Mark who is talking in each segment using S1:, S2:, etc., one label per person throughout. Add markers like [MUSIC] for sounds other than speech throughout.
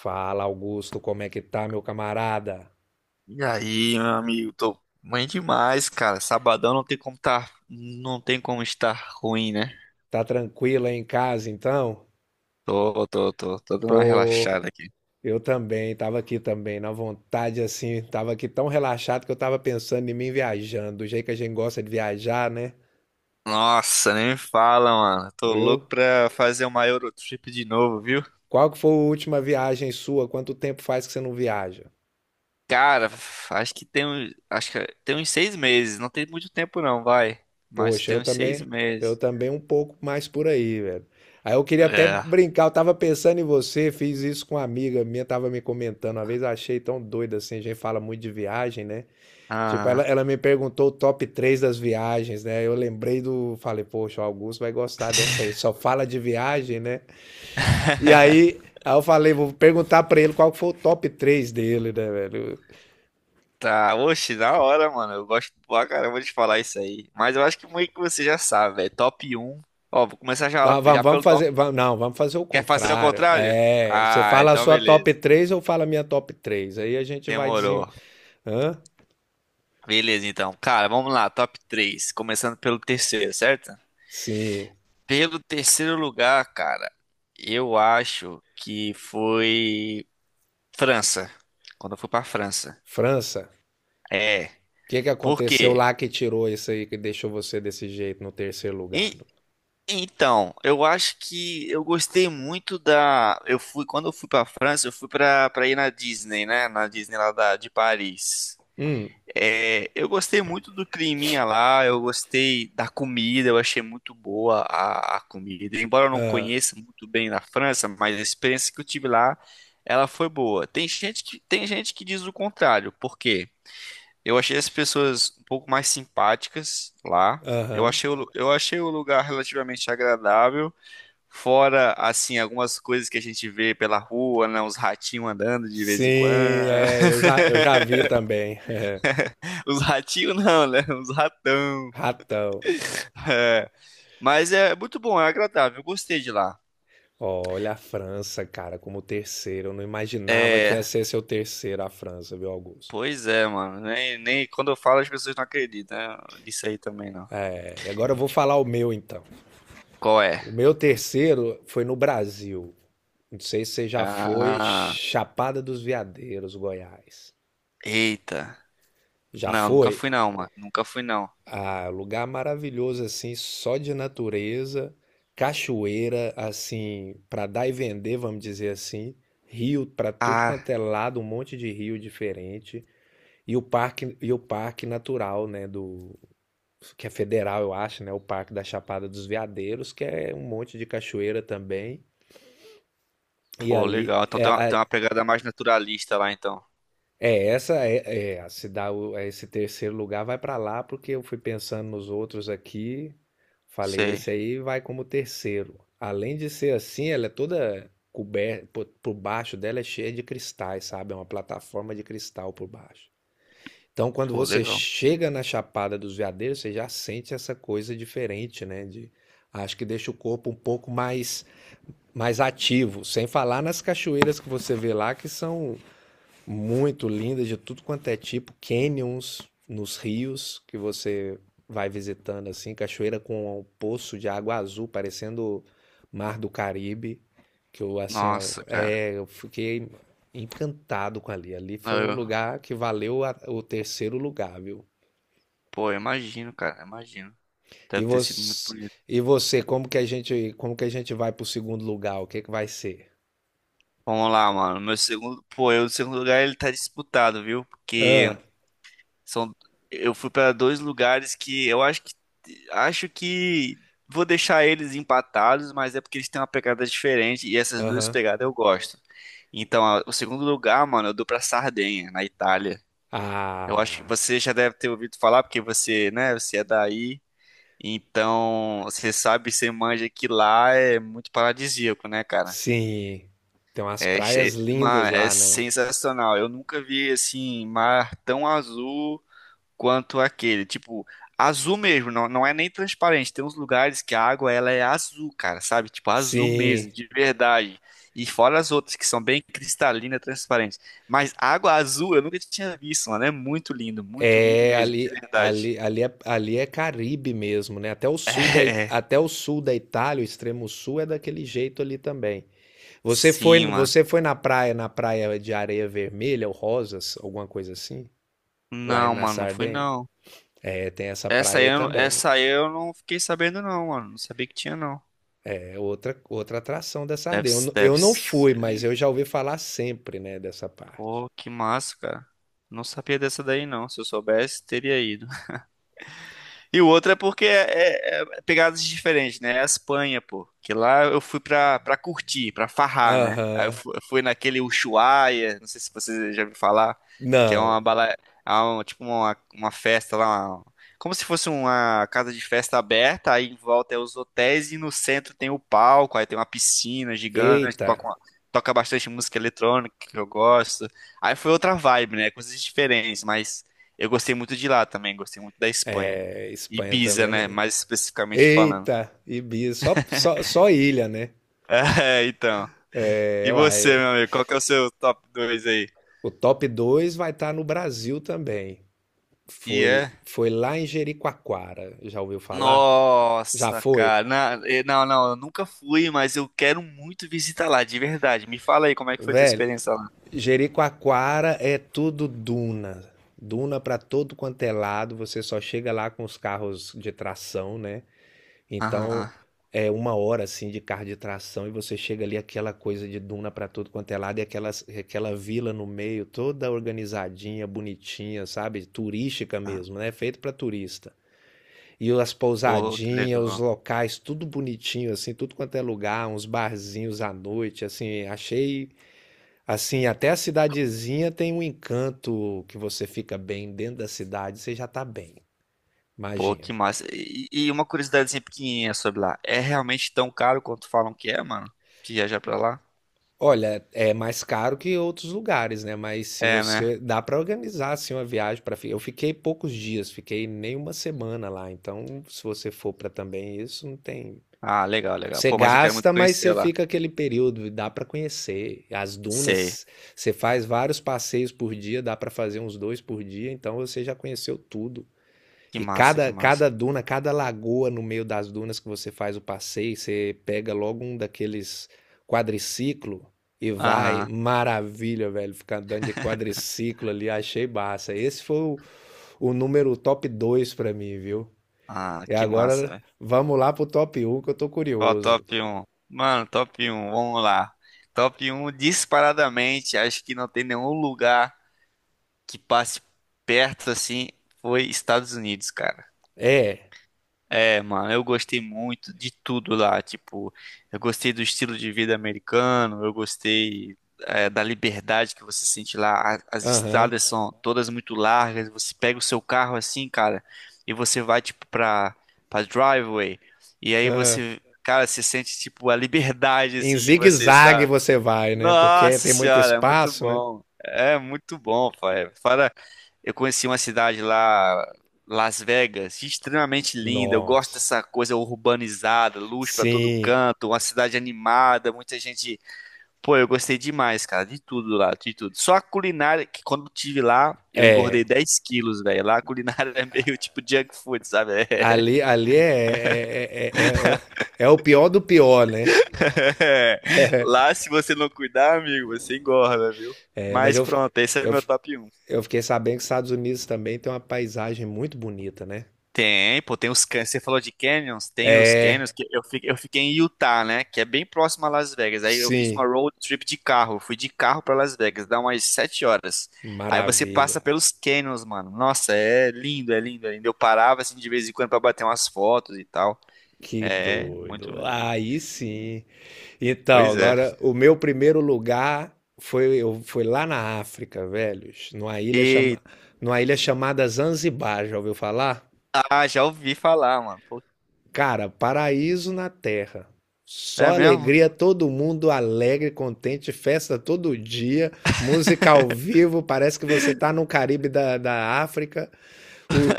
S1: Fala, Augusto, como é que tá, meu camarada?
S2: E aí, meu amigo, tô bem demais, cara. Sabadão não tem como tá, não tem como estar ruim, né?
S1: Tá tranquilo aí em casa, então?
S2: Tô dando uma
S1: Pô,
S2: relaxada aqui.
S1: eu também, tava aqui também, na vontade assim, tava aqui tão relaxado que eu tava pensando em mim viajando, do jeito que a gente gosta de viajar, né?
S2: Nossa, nem me fala, mano. Tô
S1: Viu?
S2: louco pra fazer uma Eurotrip de novo, viu?
S1: Qual que foi a última viagem sua? Quanto tempo faz que você não viaja?
S2: Cara, acho que tem uns 6 meses. Não tem muito tempo não, vai. Mas
S1: Poxa,
S2: tem
S1: eu
S2: uns seis
S1: também, eu
S2: meses.
S1: também um pouco mais por aí, velho. Aí eu queria até
S2: É.
S1: brincar, eu tava pensando em você, fiz isso com uma amiga minha, tava me comentando, uma vez eu achei tão doido assim, a gente fala muito de viagem, né? Tipo, ela,
S2: Ah.
S1: ela me perguntou o top 3 das viagens, né? Eu lembrei do. Falei, poxa, o Augusto vai gostar dessa aí.
S2: [LAUGHS]
S1: Só fala de viagem, né? E aí, aí eu falei, vou perguntar pra ele qual que foi o top 3 dele, né, velho?
S2: Tá, oxe, na hora, mano. Eu gosto pra caramba de falar isso aí. Mas eu acho que meio que você já sabe, velho. Top um. Ó, vou começar já,
S1: Não, vamos,
S2: já
S1: vamos
S2: pelo top.
S1: fazer. Não, vamos fazer o
S2: Quer fazer ao
S1: contrário.
S2: contrário?
S1: É, você
S2: Ah,
S1: fala a
S2: então
S1: sua top
S2: beleza.
S1: três, eu falo a minha top 3? Aí a gente vai dizer.
S2: Demorou.
S1: Hã?
S2: Beleza, então. Cara, vamos lá. Top três. Começando pelo terceiro, certo?
S1: Sim.
S2: Pelo terceiro lugar, cara, eu acho que foi França. Quando eu fui pra França.
S1: França.
S2: É.
S1: O que que
S2: Por
S1: aconteceu
S2: quê?
S1: lá que tirou isso aí, que deixou você desse jeito no terceiro lugar?
S2: E Então, eu acho que eu gostei muito da. Eu fui, quando eu fui pra França, eu fui pra ir na Disney, né? Na Disney lá de Paris.
S1: Hum.
S2: É, eu gostei muito do climinha lá, eu gostei da comida, eu achei muito boa a comida. Embora eu não
S1: Ah,
S2: conheça muito bem na França, mas a experiência que eu tive lá, ela foi boa. Tem gente que diz o contrário, por quê? Eu achei as pessoas um pouco mais simpáticas lá.
S1: aham.
S2: Eu achei o lugar relativamente agradável. Fora, assim, algumas coisas que a gente vê pela rua, né? Uns ratinhos andando de
S1: Sim,
S2: vez em quando.
S1: é, eu já
S2: [LAUGHS]
S1: vi também. [LAUGHS]
S2: Os ratinhos não, né? Uns ratão.
S1: Ratão.
S2: É, mas é muito bom, é agradável. Eu gostei de lá.
S1: Olha a França, cara, como terceiro. Eu não imaginava que
S2: É,
S1: ia ser seu terceiro a França, viu, Augusto?
S2: pois é, mano. Nem quando eu falo as pessoas não acreditam, né, nisso aí também, não.
S1: É, e agora eu vou falar o meu, então.
S2: Qual é?
S1: O meu terceiro foi no Brasil. Não sei se você já foi
S2: Ah,
S1: Chapada dos Veadeiros, Goiás.
S2: eita.
S1: Já
S2: Não, nunca fui
S1: foi?
S2: não, mano. Nunca fui não.
S1: Ah, lugar maravilhoso assim, só de natureza, cachoeira assim, para dar e vender, vamos dizer assim, rio para tudo quanto
S2: Ah,
S1: é lado, um monte de rio diferente e o parque natural, né, do que é federal, eu acho, né, o Parque da Chapada dos Veadeiros, que é um monte de cachoeira também. E
S2: pô,
S1: ali
S2: legal. Então
S1: é,
S2: tem
S1: a-
S2: uma pegada mais naturalista lá, então.
S1: É, essa é, é, se dá o- é, esse terceiro lugar vai para lá porque eu fui pensando nos outros aqui, falei
S2: Sei.
S1: esse aí vai como terceiro. Além de ser assim, ela é toda coberta por baixo. Dela é cheia de cristais, sabe? É uma plataforma de cristal por baixo. Então, quando
S2: Pô,
S1: você
S2: legal.
S1: chega na Chapada dos Veadeiros, você já sente essa coisa diferente, né? De, acho que deixa o corpo um pouco mais ativo, sem falar nas cachoeiras que você vê lá, que são muito lindas de tudo quanto é tipo, canyons nos rios que você vai visitando assim, cachoeira com um poço de água azul parecendo Mar do Caribe, que eu assim, ó,
S2: Nossa, cara.
S1: é, eu fiquei encantado com ali. Ali foi um
S2: Eu,
S1: lugar que valeu o terceiro lugar, viu?
S2: pô, eu imagino, cara, eu imagino. Deve
S1: E
S2: ter sido muito
S1: você,
S2: bonito.
S1: e você, como que a gente, como que a gente vai pro segundo lugar? O que que vai ser?
S2: Vamos lá, mano. Meu segundo, o segundo lugar ele tá disputado, viu? Porque
S1: Ah,
S2: são, eu fui pra dois lugares que eu acho que vou deixar eles empatados, mas é porque eles têm uma pegada diferente e essas duas
S1: aham.
S2: pegadas eu gosto. Então, o segundo lugar, mano, eu dou pra Sardenha, na Itália. Eu acho que
S1: Ah,
S2: você já deve ter ouvido falar porque você, né, você é daí. Então, você sabe, você manja que lá é muito paradisíaco, né, cara?
S1: sim, tem umas
S2: É,
S1: praias lindas
S2: mano, é
S1: lá, né?
S2: sensacional. Eu nunca vi assim mar tão azul quanto aquele. Tipo, azul mesmo, não é nem transparente. Tem uns lugares que a água ela é azul, cara, sabe? Tipo, azul mesmo,
S1: Sim,
S2: de verdade. E fora as outras que são bem cristalina, transparente. Mas água azul eu nunca tinha visto, mano. É muito lindo
S1: é
S2: mesmo, de verdade. [LAUGHS]
S1: ali é Caribe mesmo, né? Até o sul da, I-
S2: É,
S1: até o sul da Itália, o extremo sul é daquele jeito ali também. Você foi,
S2: sim, mano.
S1: você foi na praia de areia vermelha ou rosas, alguma coisa assim?
S2: Não,
S1: Na
S2: mano, não fui
S1: Sardenha?
S2: não.
S1: É, tem essa praia aí também.
S2: Essa aí eu não fiquei sabendo não, mano. Não sabia que tinha não.
S1: É outra atração da
S2: Deve,
S1: Sardenha.
S2: deve
S1: Eu não fui,
S2: ser
S1: mas eu
S2: lindo.
S1: já ouvi falar sempre, né, dessa parte.
S2: Pô, que massa, cara. Não sabia dessa daí não. Se eu soubesse, teria ido. E o outro é porque é pegadas diferentes, né? É a Espanha, pô. Que lá eu fui pra curtir, pra farrar, né?
S1: Aham.
S2: Eu fui, naquele Ushuaia, não sei se você já ouviu falar, que é uma
S1: Não.
S2: bala, tipo uma festa lá, uma- como se fosse uma casa de festa aberta, aí em volta é os hotéis e no centro tem o palco, aí tem uma piscina gigante,
S1: Eita.
S2: toca bastante música eletrônica que eu gosto. Aí foi outra vibe, né? Coisas diferentes, mas eu gostei muito de lá também, gostei muito da Espanha.
S1: É, Espanha
S2: Ibiza,
S1: também é
S2: né?
S1: bonito.
S2: Mais especificamente falando.
S1: Eita, Ibiza, só ilha, né?
S2: [LAUGHS] É, então. E
S1: É,
S2: você,
S1: uai,
S2: meu amigo, qual que é o seu top 2 aí?
S1: o top 2 vai estar no Brasil também.
S2: E
S1: Foi,
S2: é?
S1: foi lá em Jericoacoara, já ouviu falar? Já
S2: Nossa,
S1: foi?
S2: cara. Não, não, eu nunca fui, mas eu quero muito visitar lá, de verdade. Me fala aí como é que foi tua
S1: Velho,
S2: experiência lá.
S1: Jericoacoara é tudo duna. Duna pra todo quanto é lado, você só chega lá com os carros de tração, né? Então,
S2: Aham.
S1: é uma hora assim de carro de tração e você chega ali aquela coisa de duna pra tudo quanto é lado e aquela vila no meio toda organizadinha, bonitinha, sabe? Turística
S2: Ah.
S1: mesmo, né? Feito pra turista. E as
S2: Pô, que
S1: pousadinhas, os
S2: legal.
S1: locais, tudo bonitinho assim, tudo quanto é lugar, uns barzinhos à noite, assim, achei assim, até a cidadezinha tem um encanto que você fica bem dentro da cidade, você já tá bem.
S2: Pô, que
S1: Imagina.
S2: massa. E uma curiosidadezinha pequenininha sobre lá. É realmente tão caro quanto falam que é, mano? Viajar pra lá?
S1: Olha, é mais caro que outros lugares, né? Mas se
S2: É, né?
S1: você dá para organizar assim uma viagem, para eu fiquei poucos dias, fiquei nem uma semana lá. Então, se você for para também isso, não tem.
S2: Ah, legal, legal.
S1: Você
S2: Pô, mas eu quero muito
S1: gasta, mas
S2: conhecer
S1: você
S2: lá.
S1: fica aquele período e dá para conhecer as
S2: Sei.
S1: dunas. Você faz vários passeios por dia, dá para fazer uns dois por dia. Então, você já conheceu tudo.
S2: Que
S1: E
S2: massa, que
S1: cada,
S2: massa.
S1: cada duna, cada lagoa no meio das dunas, que você faz o passeio, você pega logo um daqueles quadriciclo e vai.
S2: Aham.
S1: Maravilha, velho. Ficar andando de quadriciclo ali, achei massa. O número top 2 pra mim, viu?
S2: Ah,
S1: E
S2: que massa,
S1: agora
S2: velho.
S1: vamos lá pro top um, que eu tô
S2: Qual o
S1: curioso.
S2: top um, mano, top um, vamos lá. Top um disparadamente, acho que não tem nenhum lugar que passe perto assim, foi Estados Unidos, cara.
S1: É,
S2: É, mano, eu gostei muito de tudo lá. Tipo, eu gostei do estilo de vida americano, eu gostei, é, da liberdade que você sente lá. As
S1: aham.
S2: estradas são todas muito largas. Você pega o seu carro assim, cara, e você vai, tipo, pra driveway. E aí
S1: Ah.
S2: você, cara, você sente, tipo, a liberdade,
S1: Em
S2: assim, em você,
S1: zigue-zague
S2: sabe?
S1: você vai, né? Porque
S2: Nossa
S1: tem muito
S2: senhora, é muito
S1: espaço, né?
S2: bom. É muito bom, pai. Fora, eu conheci uma cidade lá, Las Vegas, extremamente linda. Eu gosto
S1: Nossa.
S2: dessa coisa urbanizada, luz pra todo
S1: Sim,
S2: canto, uma cidade animada, muita gente. Pô, eu gostei demais, cara, de tudo lá, de tudo. Só a culinária, que quando eu tive lá, eu
S1: é.
S2: engordei 10 quilos, velho. Lá a culinária [LAUGHS] é meio tipo junk food, sabe? É.
S1: Ali, ali é, é, é, é, é- é é o pior do pior, né?
S2: [LAUGHS] Lá, se você não cuidar, amigo, você engorda, viu?
S1: É, mas
S2: Mas
S1: eu, fi-
S2: pronto, esse é
S1: eu,
S2: meu
S1: fi-
S2: top um.
S1: eu fiquei sabendo que os Estados Unidos também tem uma paisagem muito bonita, né?
S2: Tem, pô, tem os você falou de canyons, tem os canyons que eu fiquei em Utah, né? Que é bem próximo a Las Vegas. Aí eu fiz
S1: Sim,
S2: uma road trip de carro, fui de carro pra Las Vegas, dá umas 7 horas. Aí você
S1: maravilha.
S2: passa pelos canyons, mano. Nossa, é lindo, é lindo, é lindo. Eu parava assim de vez em quando pra bater umas fotos e tal.
S1: Que
S2: É, muito.
S1: doido. Aí sim. Então,
S2: Pois é.
S1: agora, o meu primeiro lugar foi, eu, foi lá na África, velhos,
S2: E
S1: numa ilha chamada Zanzibar, já ouviu falar?
S2: ah, já ouvi falar, mano. Pô,
S1: Cara, paraíso na terra.
S2: é
S1: Só
S2: mesmo?
S1: alegria, todo mundo alegre, contente, festa todo dia, música ao vivo, parece que você tá no Caribe da África, o,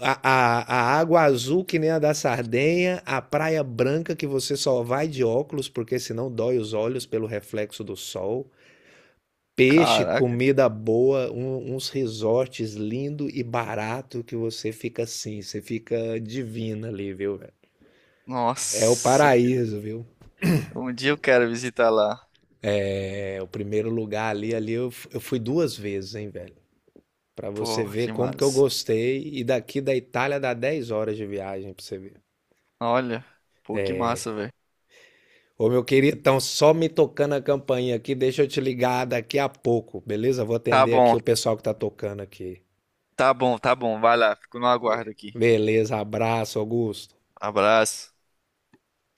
S1: a água azul que nem a da Sardenha, a praia branca que você só vai de óculos porque senão dói os olhos pelo reflexo do sol, peixe,
S2: Caraca,
S1: comida boa, uns resorts lindo e barato que você fica assim, você fica divina ali, viu, velho? É o
S2: nossa, que...
S1: paraíso, viu?
S2: um dia eu quero visitar lá.
S1: É o primeiro lugar ali, ali eu fui duas vezes, hein, velho? Pra você
S2: Pô,
S1: ver
S2: que
S1: como que eu
S2: massa.
S1: gostei. E daqui da Itália dá 10 horas de viagem pra você ver.
S2: Olha, pô, que massa, velho.
S1: Ô, meu querido, então só me tocando a campainha aqui, deixa eu te ligar daqui a pouco, beleza? Vou
S2: Tá
S1: atender aqui
S2: bom,
S1: o pessoal que tá tocando aqui.
S2: tá bom. Vai lá, fico no aguardo aqui.
S1: Beleza, abraço, Augusto.
S2: Abraço.